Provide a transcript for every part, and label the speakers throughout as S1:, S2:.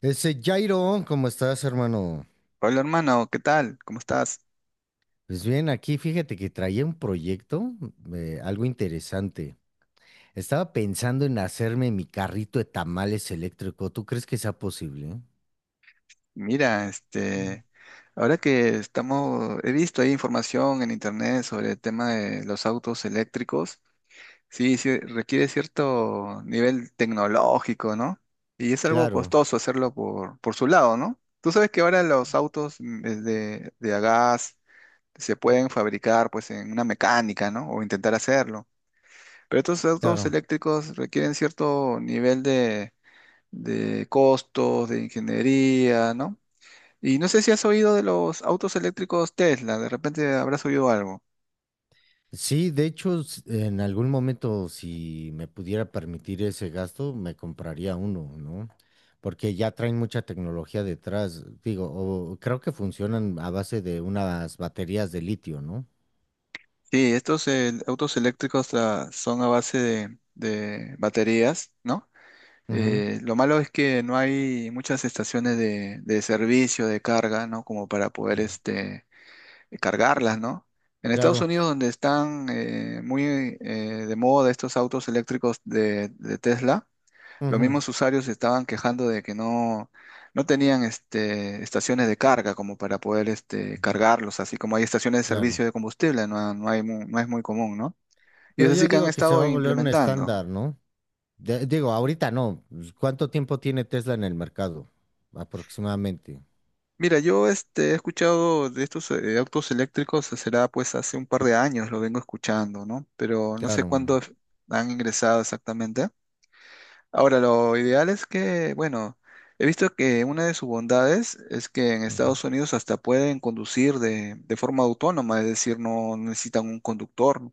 S1: Ese Jairo, ¿cómo estás, hermano?
S2: Hola hermano, ¿qué tal? ¿Cómo estás?
S1: Pues bien, aquí fíjate que traía un proyecto, algo interesante. Estaba pensando en hacerme mi carrito de tamales eléctrico. ¿Tú crees que sea posible?
S2: Mira, este, ahora que estamos, he visto ahí información en internet sobre el tema de los autos eléctricos. Sí, sí, requiere cierto nivel tecnológico, ¿no? Y es algo
S1: Claro,
S2: costoso hacerlo por su lado, ¿no? Tú sabes que ahora los autos es de a gas se pueden fabricar pues en una mecánica, ¿no? O intentar hacerlo. Pero estos autos
S1: claro.
S2: eléctricos requieren cierto nivel de costos, de ingeniería, ¿no? Y no sé si has oído de los autos eléctricos Tesla, de repente habrás oído algo.
S1: Sí, de hecho, en algún momento, si me pudiera permitir ese gasto, me compraría uno, ¿no? Porque ya traen mucha tecnología detrás. Digo, o creo que funcionan a base de unas baterías de litio, ¿no?
S2: Sí, estos autos eléctricos son a base de baterías, ¿no?
S1: Ujú,
S2: Lo malo es que no hay muchas estaciones de servicio, de carga, ¿no? Como para poder
S1: ujú.
S2: este, cargarlas, ¿no? En Estados
S1: Claro.
S2: Unidos, donde están muy de moda estos autos eléctricos de Tesla, los mismos usuarios se estaban quejando de que no tenían este, estaciones de carga como para poder este,
S1: Ujú.
S2: cargarlos, así como hay estaciones de
S1: Claro.
S2: servicio de combustible, no, no hay no es muy común, ¿no? Y es
S1: Pero
S2: así
S1: yo
S2: que han
S1: digo que se
S2: estado
S1: va a volver un
S2: implementando.
S1: estándar, ¿no? Digo, ahorita no. Pues, ¿cuánto tiempo tiene Tesla en el mercado? Aproximadamente.
S2: Mira, yo este, he escuchado de estos autos eléctricos, será pues hace un par de años, lo vengo escuchando, ¿no? Pero no sé
S1: Claro.
S2: cuándo han ingresado exactamente. Ahora, lo ideal es que, bueno, he visto que una de sus bondades es que en
S1: Ujú.
S2: Estados Unidos hasta pueden conducir de forma autónoma, es decir, no necesitan un conductor,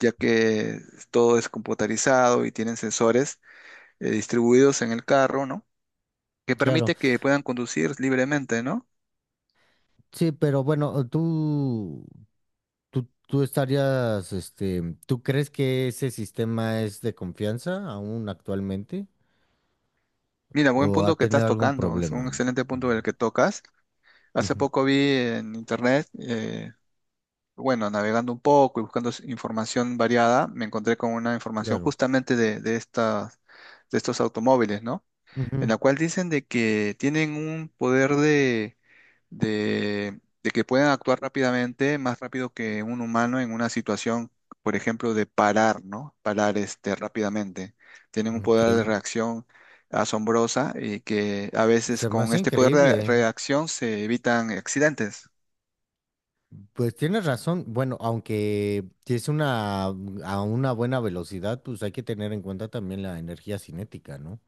S2: ya que todo es computarizado y tienen sensores distribuidos en el carro, ¿no? Que
S1: Claro.
S2: permite que puedan conducir libremente, ¿no?
S1: Sí, pero bueno, tú estarías, ¿tú crees que ese sistema es de confianza aún actualmente?
S2: Mira,
S1: ¿O
S2: buen
S1: ha
S2: punto que estás
S1: tenido algún
S2: tocando, es
S1: problema?
S2: un excelente
S1: Ujú.
S2: punto el que tocas. Hace
S1: Ujú.
S2: poco vi en internet bueno, navegando un poco y buscando información variada, me encontré con una información
S1: Claro.
S2: justamente de estas, de estos automóviles, ¿no? En
S1: Ujú.
S2: la cual dicen de que tienen un poder de que pueden actuar rápidamente, más rápido que un humano en una situación, por ejemplo, de parar, ¿no? Parar este, rápidamente. Tienen un
S1: Ok.
S2: poder de reacción asombrosa y que a veces
S1: Se me
S2: con
S1: hace
S2: este poder de
S1: increíble, ¿eh?
S2: reacción se evitan accidentes.
S1: Pues tienes razón. Bueno, aunque si es una a una buena velocidad, pues hay que tener en cuenta también la energía cinética, ¿no?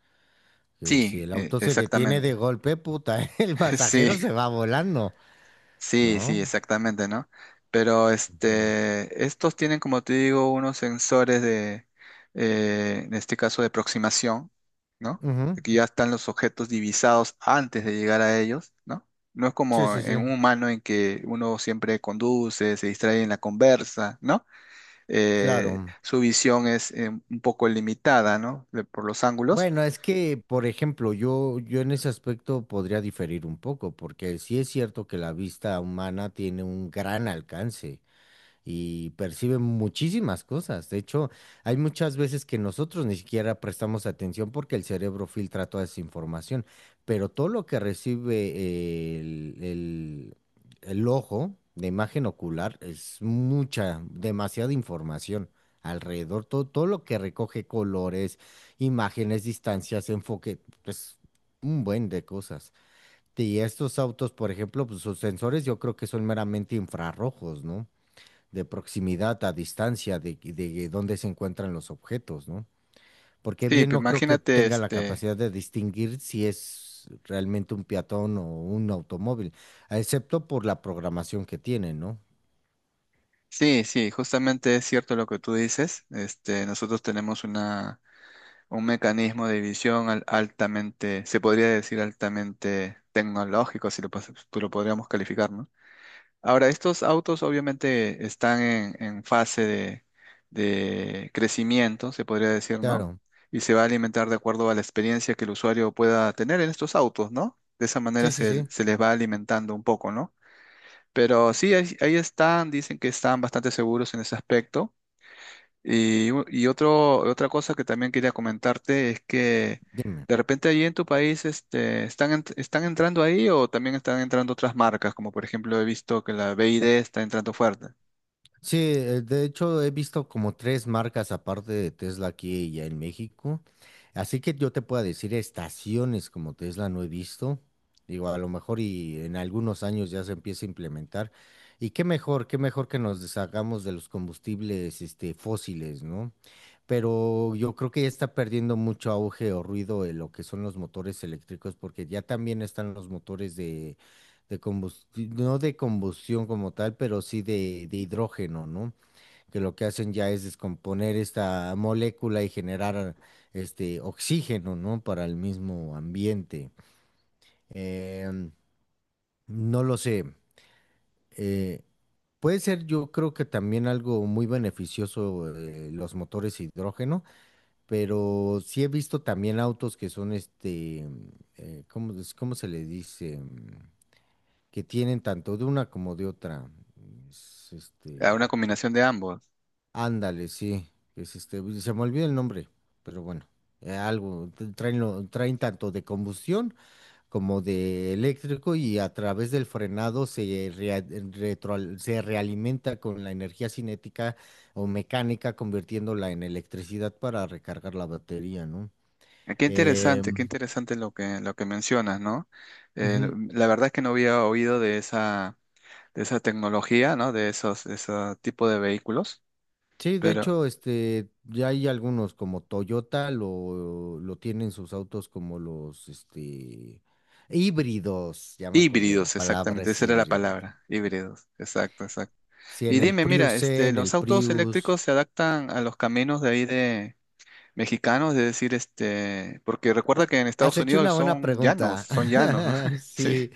S1: Que si
S2: Sí,
S1: el auto se detiene
S2: exactamente.
S1: de golpe, puta, el
S2: Sí,
S1: pasajero se va volando,
S2: sí, sí,
S1: no.
S2: exactamente, ¿no? Pero
S1: Ujú.
S2: este, estos tienen, como te digo, unos sensores de, en este caso, de aproximación, ¿no?
S1: Ujú.
S2: Que ya están los objetos divisados antes de llegar a ellos, ¿no? No es
S1: Sí,
S2: como
S1: sí, sí.
S2: en un humano en que uno siempre conduce, se distrae en la conversa, ¿no?
S1: Claro.
S2: Su visión es un poco limitada, ¿no? Por los ángulos.
S1: Bueno, es que, por ejemplo, yo en ese aspecto podría diferir un poco, porque sí es cierto que la vista humana tiene un gran alcance y perciben muchísimas cosas. De hecho, hay muchas veces que nosotros ni siquiera prestamos atención porque el cerebro filtra toda esa información, pero todo lo que recibe el ojo de imagen ocular es mucha, demasiada información. Alrededor, todo lo que recoge colores, imágenes, distancias, enfoque, pues un buen de cosas. Y estos autos, por ejemplo, pues sus sensores yo creo que son meramente infrarrojos, ¿no? De proximidad a distancia, de dónde se encuentran los objetos, ¿no? Porque
S2: Sí,
S1: bien
S2: pues
S1: no creo que
S2: imagínate,
S1: tenga la
S2: este.
S1: capacidad de distinguir si es realmente un peatón o un automóvil, excepto por la programación que tiene, ¿no?
S2: Sí, sí, justamente es cierto lo que tú dices. Este, nosotros tenemos una, un mecanismo de visión altamente, se podría decir altamente tecnológico, si lo, tú lo podríamos calificar, ¿no? Ahora, estos autos obviamente están en fase de crecimiento, se podría decir, ¿no?
S1: Claro.
S2: Y se va a alimentar de acuerdo a la experiencia que el usuario pueda tener en estos autos, ¿no? De esa manera
S1: Sí, sí, sí.
S2: se les va alimentando un poco, ¿no? Pero sí, ahí están, dicen que están bastante seguros en ese aspecto. Y, y otro, otra cosa que también quería comentarte es que
S1: Dime.
S2: de repente ahí en tu país este, ¿están, están entrando ahí o también están entrando otras marcas? Como por ejemplo he visto que la BID está entrando fuerte.
S1: Sí, de hecho he visto como tres marcas aparte de Tesla aquí y ya en México. Así que yo te puedo decir estaciones como Tesla no he visto. Digo, a lo mejor y en algunos años ya se empieza a implementar. Y qué mejor que nos deshagamos de los combustibles, fósiles, ¿no? Pero yo creo que ya está perdiendo mucho auge o ruido en lo que son los motores eléctricos, porque ya también están los motores de combustión, no de combustión como tal, pero sí de hidrógeno, ¿no? Que lo que hacen ya es descomponer esta molécula y generar este oxígeno, ¿no? Para el mismo ambiente. Em, no lo sé. eh, Puede ser, yo creo que también algo muy beneficioso los motores hidrógeno, pero sí he visto también autos que son ¿cómo, cómo se le dice? Que tienen tanto de una como de otra. Es,
S2: A
S1: este,
S2: una combinación de ambos.
S1: ándale, sí, es uy, se me olvidó el nombre, pero bueno, algo, traen, traen tanto de combustión como de eléctrico y a través del frenado se, se realimenta con la energía cinética o mecánica, convirtiéndola en electricidad para recargar la batería, ¿no?
S2: Qué
S1: Eh,
S2: interesante, qué interesante lo que mencionas, ¿no?
S1: ujú.
S2: La verdad es que no había oído de esa tecnología, ¿no? De esos, de ese tipo de vehículos.
S1: Sí, de hecho, ya hay algunos como Toyota lo tienen sus autos como los, híbridos, ya me acordé, la
S2: Híbridos,
S1: palabra
S2: exactamente,
S1: es
S2: esa era la
S1: híbridos.
S2: palabra, híbridos, exacto, exacto.
S1: Sí,
S2: Y
S1: en el
S2: dime, mira,
S1: Prius,
S2: este,
S1: en
S2: los
S1: el
S2: autos
S1: Prius.
S2: eléctricos se adaptan a los caminos de ahí de mexicanos, de decir, este, porque recuerda que en
S1: Has
S2: Estados
S1: hecho una
S2: Unidos
S1: buena pregunta.
S2: son llanos, ¿no? Sí.
S1: Sí.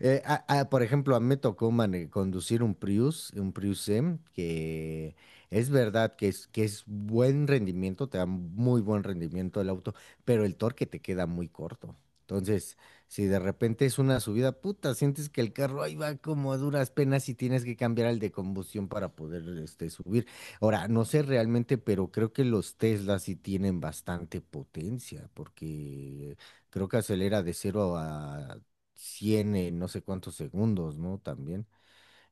S1: Por ejemplo, a mí me tocó conducir un Prius M, que es verdad que es buen rendimiento, te da muy buen rendimiento el auto, pero el torque te queda muy corto. Entonces, si de repente es una subida, puta, sientes que el carro ahí va como a duras penas y tienes que cambiar al de combustión para poder subir. Ahora, no sé realmente, pero creo que los Teslas sí tienen bastante potencia, porque creo que acelera de 0 a 100 en no sé cuántos segundos, ¿no? También.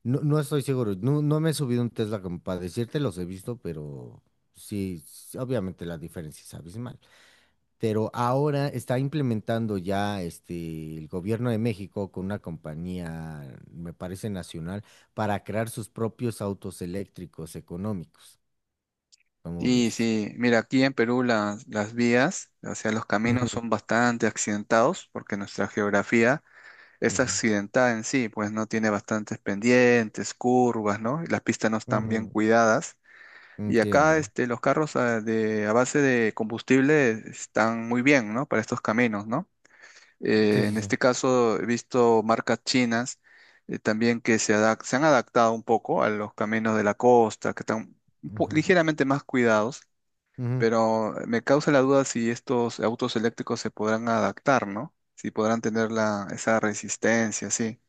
S1: No, no estoy seguro, no, no me he subido un Tesla como para decirte, los he visto, pero sí, obviamente la diferencia es abismal. Pero ahora está implementando ya el gobierno de México con una compañía, me parece nacional, para crear sus propios autos eléctricos económicos. ¿Cómo
S2: Sí,
S1: ves?
S2: sí, mira, aquí en Perú las vías, o sea, los caminos
S1: Ujú,
S2: son bastante accidentados porque nuestra geografía es
S1: ujú,
S2: accidentada en sí, pues no tiene bastantes pendientes, curvas, ¿no? Y las pistas no están bien
S1: ujú,
S2: cuidadas. Y acá
S1: entiendo.
S2: este, los carros a base de combustible están muy bien, ¿no? Para estos caminos, ¿no?
S1: Sí, sí,
S2: En
S1: sí.
S2: este caso he visto marcas chinas también que se, se han adaptado un poco a los caminos de la costa, que están
S1: Ujú,
S2: ligeramente más cuidados,
S1: ujú.
S2: pero me causa la duda si estos autos eléctricos se podrán adaptar, ¿no? Si podrán tener la, esa resistencia, sí.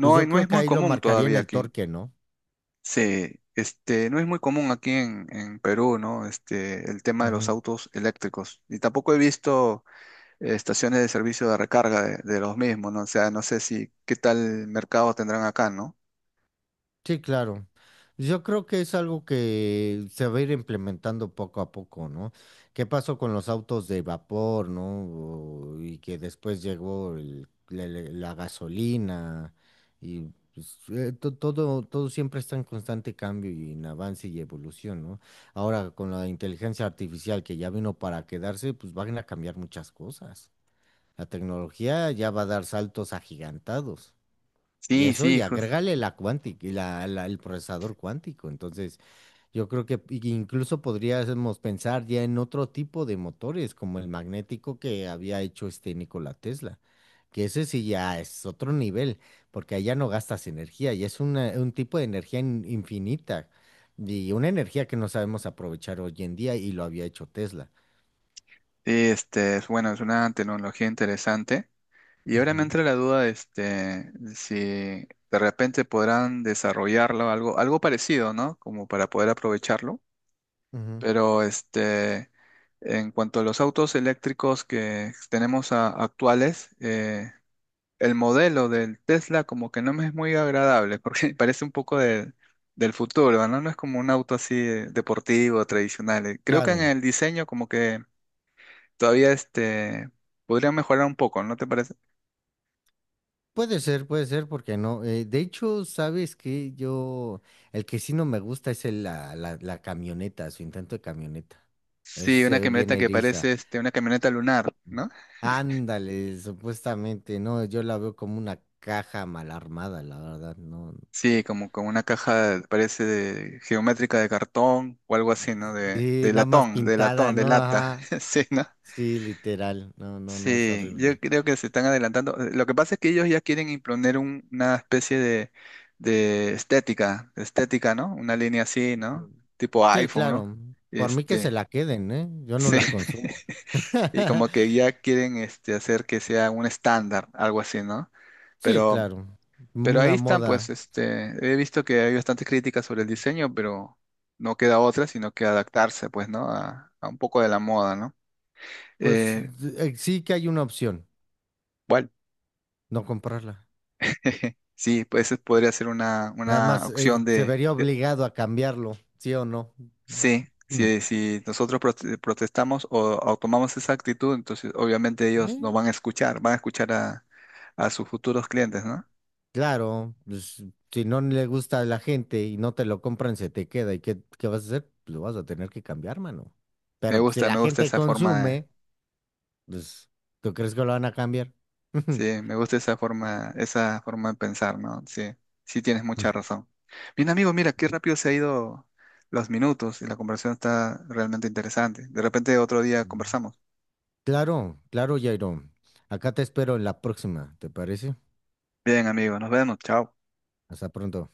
S1: Pues yo
S2: no
S1: creo
S2: es
S1: que
S2: muy
S1: ahí lo
S2: común
S1: marcaría en
S2: todavía
S1: el
S2: aquí.
S1: torque, ¿no?
S2: Sí, este, no es muy común aquí en Perú, ¿no? Este, el tema de los autos eléctricos. Y tampoco he visto estaciones de servicio de recarga de los mismos, ¿no? O sea, no sé si qué tal mercado tendrán acá, ¿no?
S1: Sí, claro. Yo creo que es algo que se va a ir implementando poco a poco, ¿no? ¿Qué pasó con los autos de vapor, ¿no? Y que después llegó la gasolina y pues, todo, todo siempre está en constante cambio y en avance y evolución, ¿no? Ahora con la inteligencia artificial que ya vino para quedarse, pues van a cambiar muchas cosas. La tecnología ya va a dar saltos agigantados. Y
S2: Sí,
S1: eso, y
S2: sí,
S1: agrégale la cuántica, y el procesador cuántico. Entonces, yo creo que incluso podríamos pensar ya en otro tipo de motores, como el magnético que había hecho este Nikola Tesla, que ese sí ya es otro nivel, porque allá no gastas energía, y es un tipo de energía infinita, y una energía que no sabemos aprovechar hoy en día, y lo había hecho Tesla.
S2: sí, este, es bueno, es una tecnología interesante. Y ahora me
S1: Ujú,
S2: entra la duda, este, si de repente podrán desarrollarlo, algo, algo parecido, ¿no? Como para poder aprovecharlo.
S1: ujú.
S2: Pero este, en cuanto a los autos eléctricos que tenemos actuales, el modelo del Tesla como que no me es muy agradable porque parece un poco del futuro, ¿no? No es como un auto así deportivo, tradicional. Creo que en
S1: Claro,
S2: el diseño como que todavía este, podría mejorar un poco, ¿no te parece?
S1: puede ser, puede ser, porque no. De hecho, sabes que yo, el que sí no me gusta es la camioneta, su intento de camioneta.
S2: Sí,
S1: Se
S2: una
S1: ve bien
S2: camioneta que
S1: eriza.
S2: parece este, una camioneta lunar, ¿no?
S1: Ándale, supuestamente, no, yo la veo como una caja mal armada, la verdad, no.
S2: Sí, como como una caja, parece geométrica de cartón o algo así, ¿no?
S1: Sí,
S2: De
S1: nada más
S2: latón, de
S1: pintada,
S2: latón, de
S1: ¿no?
S2: lata.
S1: Ajá.
S2: Sí, ¿no?
S1: Sí, literal, no, no, no, es
S2: Sí, yo
S1: horrible.
S2: creo que se están adelantando. Lo que pasa es que ellos ya quieren imponer una especie de estética, ¿no? Una línea así, ¿no?
S1: Ujú.
S2: Tipo
S1: Sí,
S2: iPhone, ¿no?
S1: claro, por mí que se
S2: Este,
S1: la queden, ¿eh? Yo no
S2: sí.
S1: la consumo.
S2: Y como que ya quieren este, hacer que sea un estándar, algo así, ¿no?
S1: Sí,
S2: Pero
S1: claro,
S2: Pero ahí
S1: una
S2: están, pues,
S1: moda.
S2: este, he visto que hay bastantes críticas sobre el diseño, pero no queda otra, sino que adaptarse, pues, ¿no? A un poco de la moda, ¿no?
S1: Pues
S2: Eh,
S1: sí que hay una opción,
S2: bueno,
S1: no comprarla.
S2: sí, pues eso podría ser
S1: Nada
S2: una
S1: más
S2: opción
S1: se
S2: de,
S1: vería
S2: de-
S1: obligado a cambiarlo, ¿sí o no?
S2: Sí,
S1: Mm.
S2: si, si nosotros protestamos o tomamos esa actitud, entonces obviamente ellos nos
S1: Mm.
S2: van a escuchar a sus futuros clientes, ¿no?
S1: Claro, pues, si no le gusta a la gente y no te lo compran, se te queda. ¿Y qué, qué vas a hacer? Pues, lo vas a tener que cambiar, mano. Pero pues, si la
S2: Me gusta
S1: gente
S2: esa forma.
S1: consume, pues, ¿tú crees que lo van a cambiar?
S2: Sí, me gusta esa forma de pensar, ¿no? Sí, sí tienes mucha razón. Bien, amigo, mira, qué rápido se ha ido los minutos y la conversación está realmente interesante. De repente otro día
S1: Mm.
S2: conversamos.
S1: Claro, claro, Jairo. Acá te espero en la próxima, ¿te parece?
S2: Bien, amigo, nos vemos. Chao.
S1: Hasta pronto.